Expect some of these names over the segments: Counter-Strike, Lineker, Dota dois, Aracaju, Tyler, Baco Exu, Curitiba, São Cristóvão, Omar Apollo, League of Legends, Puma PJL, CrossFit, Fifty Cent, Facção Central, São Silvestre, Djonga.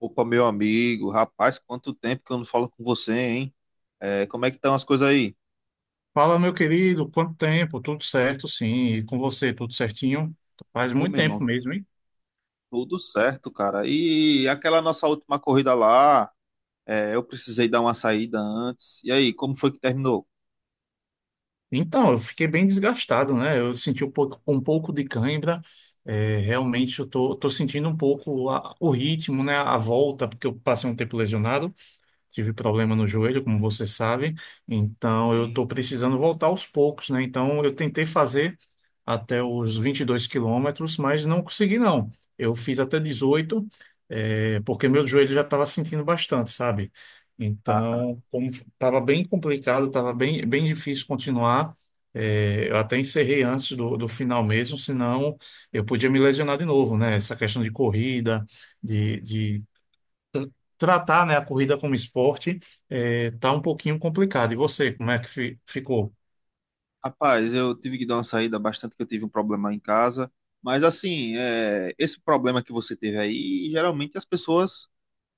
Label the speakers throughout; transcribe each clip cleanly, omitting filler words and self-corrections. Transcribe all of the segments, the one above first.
Speaker 1: Opa, meu amigo, rapaz, quanto tempo que eu não falo com você, hein? É, como é que estão as coisas aí?
Speaker 2: Fala, meu querido, quanto tempo? Tudo certo, sim. E com você, tudo certinho? Faz
Speaker 1: Ô,
Speaker 2: muito
Speaker 1: meu irmão,
Speaker 2: tempo mesmo, hein?
Speaker 1: tudo certo, cara. E aquela nossa última corrida lá, é, eu precisei dar uma saída antes. E aí, como foi que terminou?
Speaker 2: Então, eu fiquei bem desgastado, né? Eu senti um pouco de cãibra. É, realmente, eu tô sentindo um pouco o ritmo, né? A volta, porque eu passei um tempo lesionado. Tive problema no joelho, como você sabe, então eu
Speaker 1: Sim.
Speaker 2: estou precisando voltar aos poucos, né? Então eu tentei fazer até os 22 quilômetros, mas não consegui, não. Eu fiz até 18, porque meu joelho já estava sentindo bastante, sabe? Então, como estava bem complicado, estava bem difícil continuar. Eh, eu até encerrei antes do final mesmo, senão eu podia me lesionar de novo, né? Essa questão de corrida, de tratar, né, a corrida como esporte é, tá um pouquinho complicado. E você, como é que ficou?
Speaker 1: Rapaz, eu tive que dar uma saída bastante, que eu tive um problema em casa. Mas assim, é, esse problema que você teve aí, geralmente as pessoas,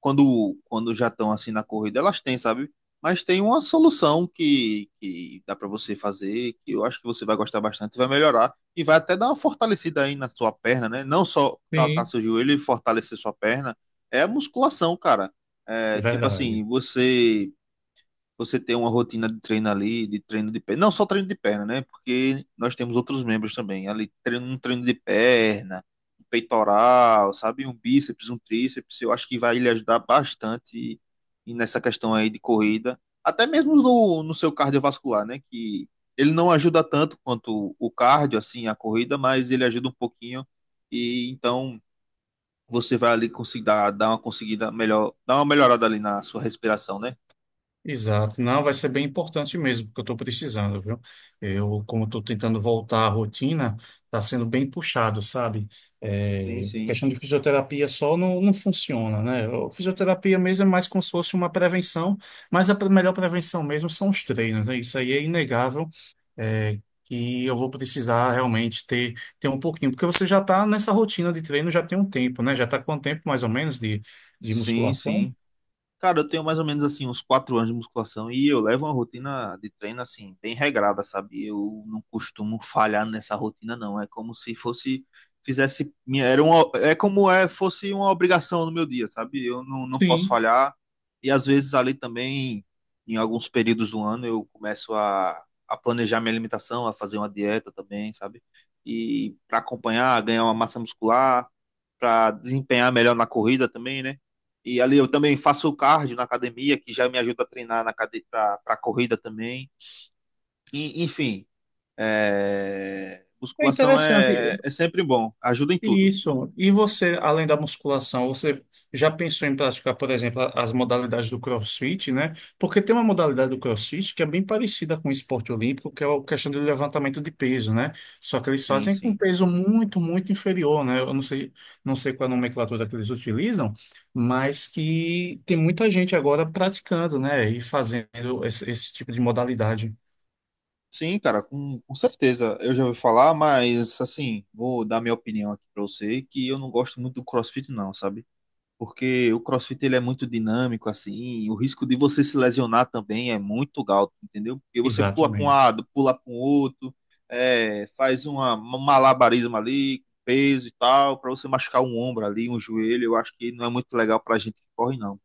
Speaker 1: quando já estão assim na corrida, elas têm, sabe? Mas tem uma solução que dá para você fazer, que eu acho que você vai gostar bastante, vai melhorar e vai até dar uma fortalecida aí na sua perna, né? Não só tratar
Speaker 2: Sim.
Speaker 1: seu joelho e fortalecer sua perna, é a musculação, cara. É, tipo
Speaker 2: Verdade.
Speaker 1: assim, você ter uma rotina de treino ali, de treino de perna. Não só treino de perna, né? Porque nós temos outros membros também. Ali, treino, um treino de perna, um peitoral, sabe? Um bíceps, um tríceps. Eu acho que vai lhe ajudar bastante e nessa questão aí de corrida. Até mesmo no seu cardiovascular, né? Que ele não ajuda tanto quanto o cardio, assim, a corrida, mas ele ajuda um pouquinho. E então você vai ali conseguir dar uma conseguida melhor, dar uma melhorada ali na sua respiração, né?
Speaker 2: Exato. Não, vai ser bem importante mesmo, porque eu estou precisando, viu? Eu, como estou tentando voltar à rotina, está sendo bem puxado, sabe?
Speaker 1: Sim,
Speaker 2: É,
Speaker 1: sim.
Speaker 2: questão de fisioterapia só não funciona, né? Fisioterapia mesmo é mais como se fosse uma prevenção, mas a melhor prevenção mesmo são os treinos, né? Isso aí é inegável. é, que eu vou precisar realmente ter um pouquinho, porque você já está nessa rotina de treino já tem um tempo, né? Já está com um tempo mais ou menos de
Speaker 1: Sim,
Speaker 2: musculação.
Speaker 1: sim. Cara, eu tenho mais ou menos assim uns 4 anos de musculação e eu levo uma rotina de treino assim bem regrada, sabe? Eu não costumo falhar nessa rotina, não. É como se fosse fizesse minha era uma, é como é fosse uma obrigação no meu dia, sabe? Eu não, não posso
Speaker 2: Sim,
Speaker 1: falhar e às vezes ali também em alguns períodos do ano eu começo a planejar minha alimentação, a fazer uma dieta também, sabe? E para acompanhar, ganhar uma massa muscular, para desempenhar melhor na corrida também, né? E ali eu também faço o cardio na academia, que já me ajuda a treinar para corrida também. E, enfim, é,
Speaker 2: é
Speaker 1: musculação
Speaker 2: interessante.
Speaker 1: é, é sempre bom, ajuda em tudo.
Speaker 2: Isso. E você, além da musculação, você já pensou em praticar, por exemplo, as modalidades do CrossFit, né? Porque tem uma modalidade do CrossFit que é bem parecida com o esporte olímpico, que é a questão do levantamento de peso, né? Só que eles
Speaker 1: Sim,
Speaker 2: fazem com um
Speaker 1: sim.
Speaker 2: peso muito, muito inferior, né? Eu não sei qual é a nomenclatura que eles utilizam, mas que tem muita gente agora praticando, né? E fazendo esse tipo de modalidade.
Speaker 1: Sim, cara, com certeza. Eu já ouvi falar, mas assim, vou dar minha opinião aqui pra você, que eu não gosto muito do CrossFit, não, sabe? Porque o CrossFit ele é muito dinâmico assim, o risco de você se lesionar também é muito alto, entendeu? Porque você pula para um
Speaker 2: Exatamente.
Speaker 1: lado, pula para o outro, é, faz uma, um malabarismo ali, peso e tal, para você machucar um ombro ali, um joelho, eu acho que não é muito legal para gente que corre não.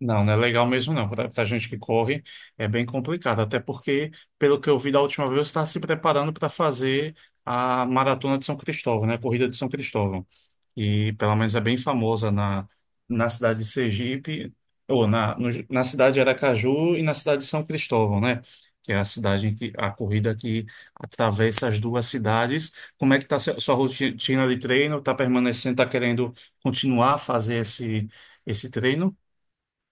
Speaker 2: Não, não é legal mesmo não. Para a gente que corre é bem complicado, até porque, pelo que eu vi da última vez, você está se preparando para fazer a Maratona de São Cristóvão, né? A Corrida de São Cristóvão. E pelo menos é bem famosa na cidade de Sergipe, ou na, no- na cidade de Aracaju e na cidade de São Cristóvão, né? Que é a cidade em que a corrida que atravessa as duas cidades. Como é que está sua rotina de treino? Está permanecendo, está querendo continuar a fazer esse treino?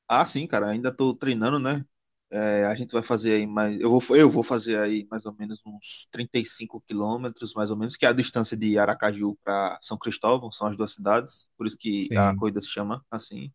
Speaker 1: Ah, sim, cara, ainda tô treinando, né? É, a gente vai fazer aí mais. Eu vou fazer aí mais ou menos uns 35 quilômetros, mais ou menos, que é a distância de Aracaju para São Cristóvão, são as duas cidades, por isso que a
Speaker 2: Sim.
Speaker 1: corrida se chama assim.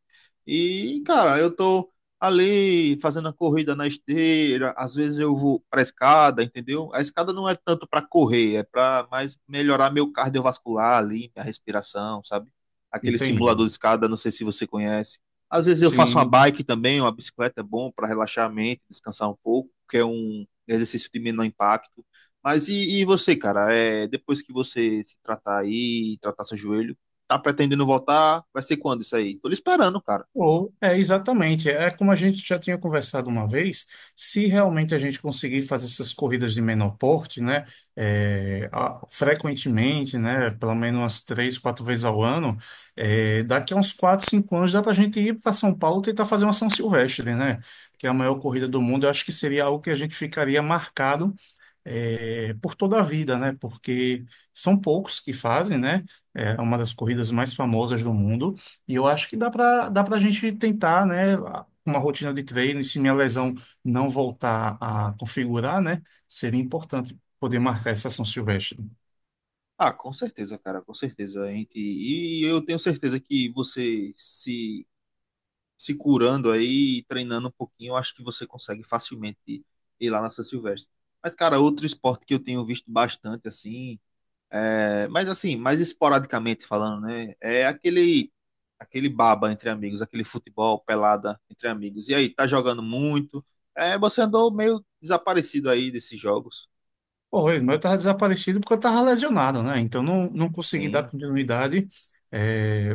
Speaker 1: E, cara, eu tô ali fazendo a corrida na esteira, às vezes eu vou pra escada, entendeu? A escada não é tanto para correr, é para mais melhorar meu cardiovascular ali, minha respiração, sabe? Aquele simulador
Speaker 2: Entendi.
Speaker 1: de escada, não sei se você conhece. Às vezes eu faço uma
Speaker 2: Sim.
Speaker 1: bike também, uma bicicleta é bom para relaxar a mente, descansar um pouco, que é um exercício de menor impacto. Mas e você, cara? É, depois que você se tratar aí, tratar seu joelho, tá pretendendo voltar? Vai ser quando isso aí? Tô lhe esperando, cara.
Speaker 2: Ou é exatamente, é como a gente já tinha conversado uma vez, se realmente a gente conseguir fazer essas corridas de menor porte, né, frequentemente, né, pelo menos umas três, quatro vezes ao ano, daqui a uns 4, 5 anos dá para a gente ir para São Paulo tentar fazer uma São Silvestre, né, que é a maior corrida do mundo. Eu acho que seria algo que a gente ficaria marcado por toda a vida, né? Porque são poucos que fazem, né? É uma das corridas mais famosas do mundo. E eu acho que dá para a gente tentar, né? Uma rotina de treino, e se minha lesão não voltar a configurar, né? Seria importante poder marcar essa São Silvestre.
Speaker 1: Ah, com certeza, cara, com certeza. A gente, e eu tenho certeza que você se curando aí, e treinando um pouquinho, eu acho que você consegue facilmente ir lá na São Silvestre. Mas, cara, outro esporte que eu tenho visto bastante, assim, é, mas assim, mais esporadicamente falando, né? É aquele aquele baba entre amigos, aquele futebol pelada entre amigos. E aí, tá jogando muito? É, você andou meio desaparecido aí desses jogos.
Speaker 2: Oi, mas eu estava desaparecido porque eu estava lesionado, né? Então não consegui dar
Speaker 1: Sim,
Speaker 2: continuidade. É,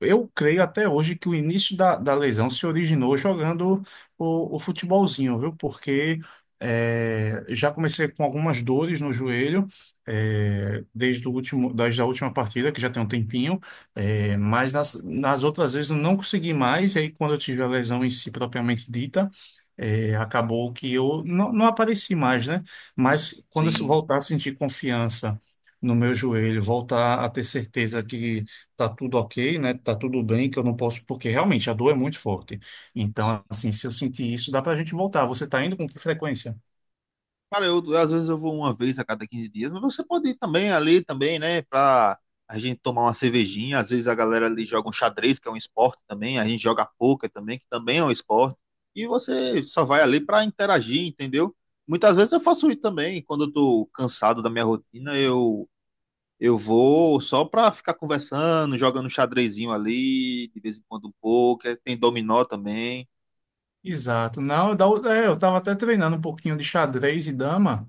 Speaker 2: eu creio até hoje que o início da lesão se originou jogando o futebolzinho, viu? Porque já comecei com algumas dores no joelho, desde a última partida, que já tem um tempinho, mas nas outras vezes eu não consegui mais, e aí quando eu tive a lesão em si propriamente dita, acabou que eu não apareci mais, né? Mas quando eu
Speaker 1: sim,
Speaker 2: voltar a sentir confiança no meu joelho, voltar a ter certeza que tá tudo ok, né? Tá tudo bem, que eu não posso, porque realmente a dor é muito forte.
Speaker 1: sim.
Speaker 2: Então, assim, se eu sentir isso, dá pra gente voltar. Você tá indo com que frequência?
Speaker 1: Cara, às vezes eu vou uma vez a cada 15 dias, mas você pode ir também ali também, né? Pra a gente tomar uma cervejinha. Às vezes a galera ali joga um xadrez, que é um esporte também. A gente joga pôquer também, que também é um esporte. E você só vai ali pra interagir, entendeu? Muitas vezes eu faço isso também. Quando eu tô cansado da minha rotina, eu vou só pra ficar conversando, jogando um xadrezinho ali, de vez em quando um pôquer. Tem dominó também.
Speaker 2: Exato. Não, eu estava até treinando um pouquinho de xadrez e dama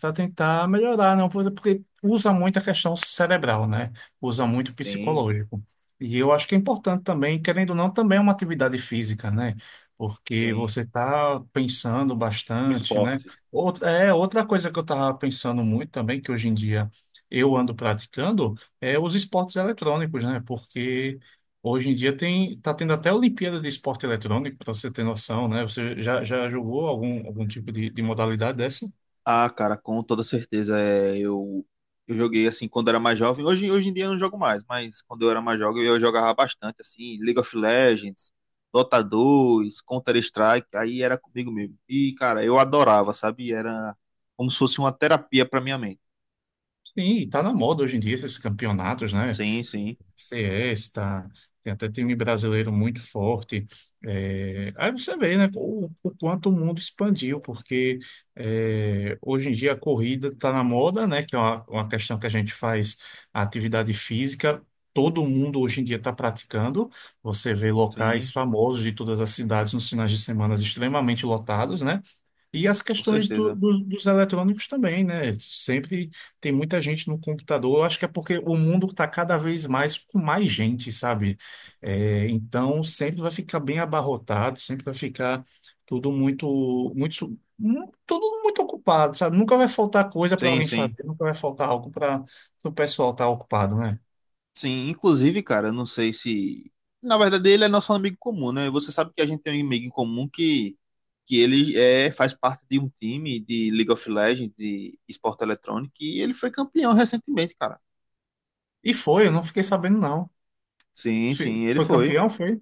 Speaker 2: para tentar melhorar, não, porque usa muito a questão cerebral, né? Usa muito o
Speaker 1: Sim,
Speaker 2: psicológico. E eu acho que é importante também, querendo ou não, também é uma atividade física, né? Porque
Speaker 1: sim.
Speaker 2: você está pensando
Speaker 1: Um
Speaker 2: bastante, né?
Speaker 1: esporte.
Speaker 2: Outra coisa que eu estava pensando muito também, que hoje em dia eu ando praticando, os esportes eletrônicos, né? Porque hoje em dia tá tendo até Olimpíada de Esporte Eletrônico, para você ter noção, né? Você já jogou algum tipo de modalidade dessa?
Speaker 1: Ah, cara, com toda certeza. É, eu joguei assim quando era mais jovem. Hoje, hoje em dia eu não jogo mais, mas quando eu era mais jovem eu jogava bastante, assim, League of Legends, Dota 2, Counter-Strike, aí era comigo mesmo. E, cara, eu adorava, sabe? Era como se fosse uma terapia pra minha mente.
Speaker 2: Sim, e tá na moda hoje em dia esses campeonatos, né?
Speaker 1: Sim, sim,
Speaker 2: Fiesta, tem até time brasileiro muito forte. É, aí você vê, né, o quanto o mundo expandiu, porque hoje em dia a corrida está na moda, né, que é uma questão que a gente faz a atividade física. Todo mundo hoje em dia está praticando. Você vê locais
Speaker 1: sim,
Speaker 2: famosos de todas as cidades nos finais de semana extremamente lotados, né? E as
Speaker 1: com
Speaker 2: questões
Speaker 1: certeza.
Speaker 2: dos eletrônicos também, né? Sempre tem muita gente no computador. Eu acho que é porque o mundo está cada vez mais com mais gente, sabe? É, então sempre vai ficar bem abarrotado, sempre vai ficar tudo muito ocupado, sabe? Nunca vai faltar coisa para
Speaker 1: Sim,
Speaker 2: alguém
Speaker 1: sim.
Speaker 2: fazer, nunca vai faltar algo para o pessoal estar ocupado, né?
Speaker 1: Sim, inclusive, cara, eu não sei se. Na verdade, ele é nosso amigo comum, né? Você sabe que a gente tem um amigo em comum que ele é, faz parte de um time de League of Legends, de esporte eletrônico, e ele foi campeão recentemente, cara.
Speaker 2: E foi, eu não fiquei sabendo, não.
Speaker 1: Sim, sim, ele
Speaker 2: Foi
Speaker 1: foi.
Speaker 2: campeão, foi?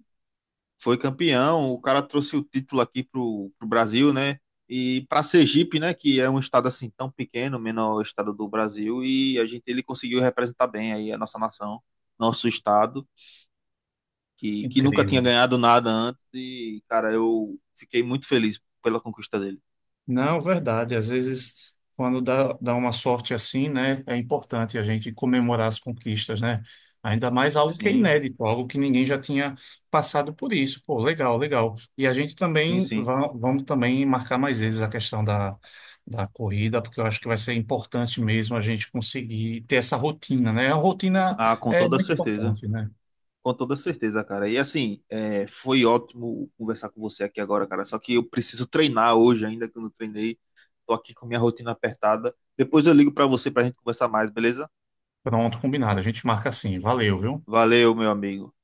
Speaker 1: Foi campeão. O cara trouxe o título aqui pro Brasil, né? E pra Sergipe, né? Que é um estado assim tão pequeno, menor estado do Brasil, e a gente ele conseguiu representar bem aí a nossa nação, nosso estado. Que nunca tinha
Speaker 2: Incrível.
Speaker 1: ganhado nada antes e, cara, eu fiquei muito feliz pela conquista dele.
Speaker 2: Não, verdade. Às vezes, quando dá uma sorte assim, né, é importante a gente comemorar as conquistas, né? Ainda mais algo que é
Speaker 1: Sim,
Speaker 2: inédito, algo que ninguém já tinha passado por isso. Pô, legal, legal. E a gente
Speaker 1: sim,
Speaker 2: também
Speaker 1: sim.
Speaker 2: vamos também marcar mais vezes a questão da corrida, porque eu acho que vai ser importante mesmo a gente conseguir ter essa rotina, né? A rotina
Speaker 1: Ah, com
Speaker 2: é
Speaker 1: toda
Speaker 2: muito
Speaker 1: certeza.
Speaker 2: importante, né?
Speaker 1: Com toda certeza, cara. E assim, é, foi ótimo conversar com você aqui agora, cara. Só que eu preciso treinar hoje ainda, que eu não treinei. Tô aqui com minha rotina apertada. Depois eu ligo pra você pra gente conversar mais, beleza?
Speaker 2: Pronto, combinado. A gente marca assim. Valeu, viu?
Speaker 1: Valeu, meu amigo.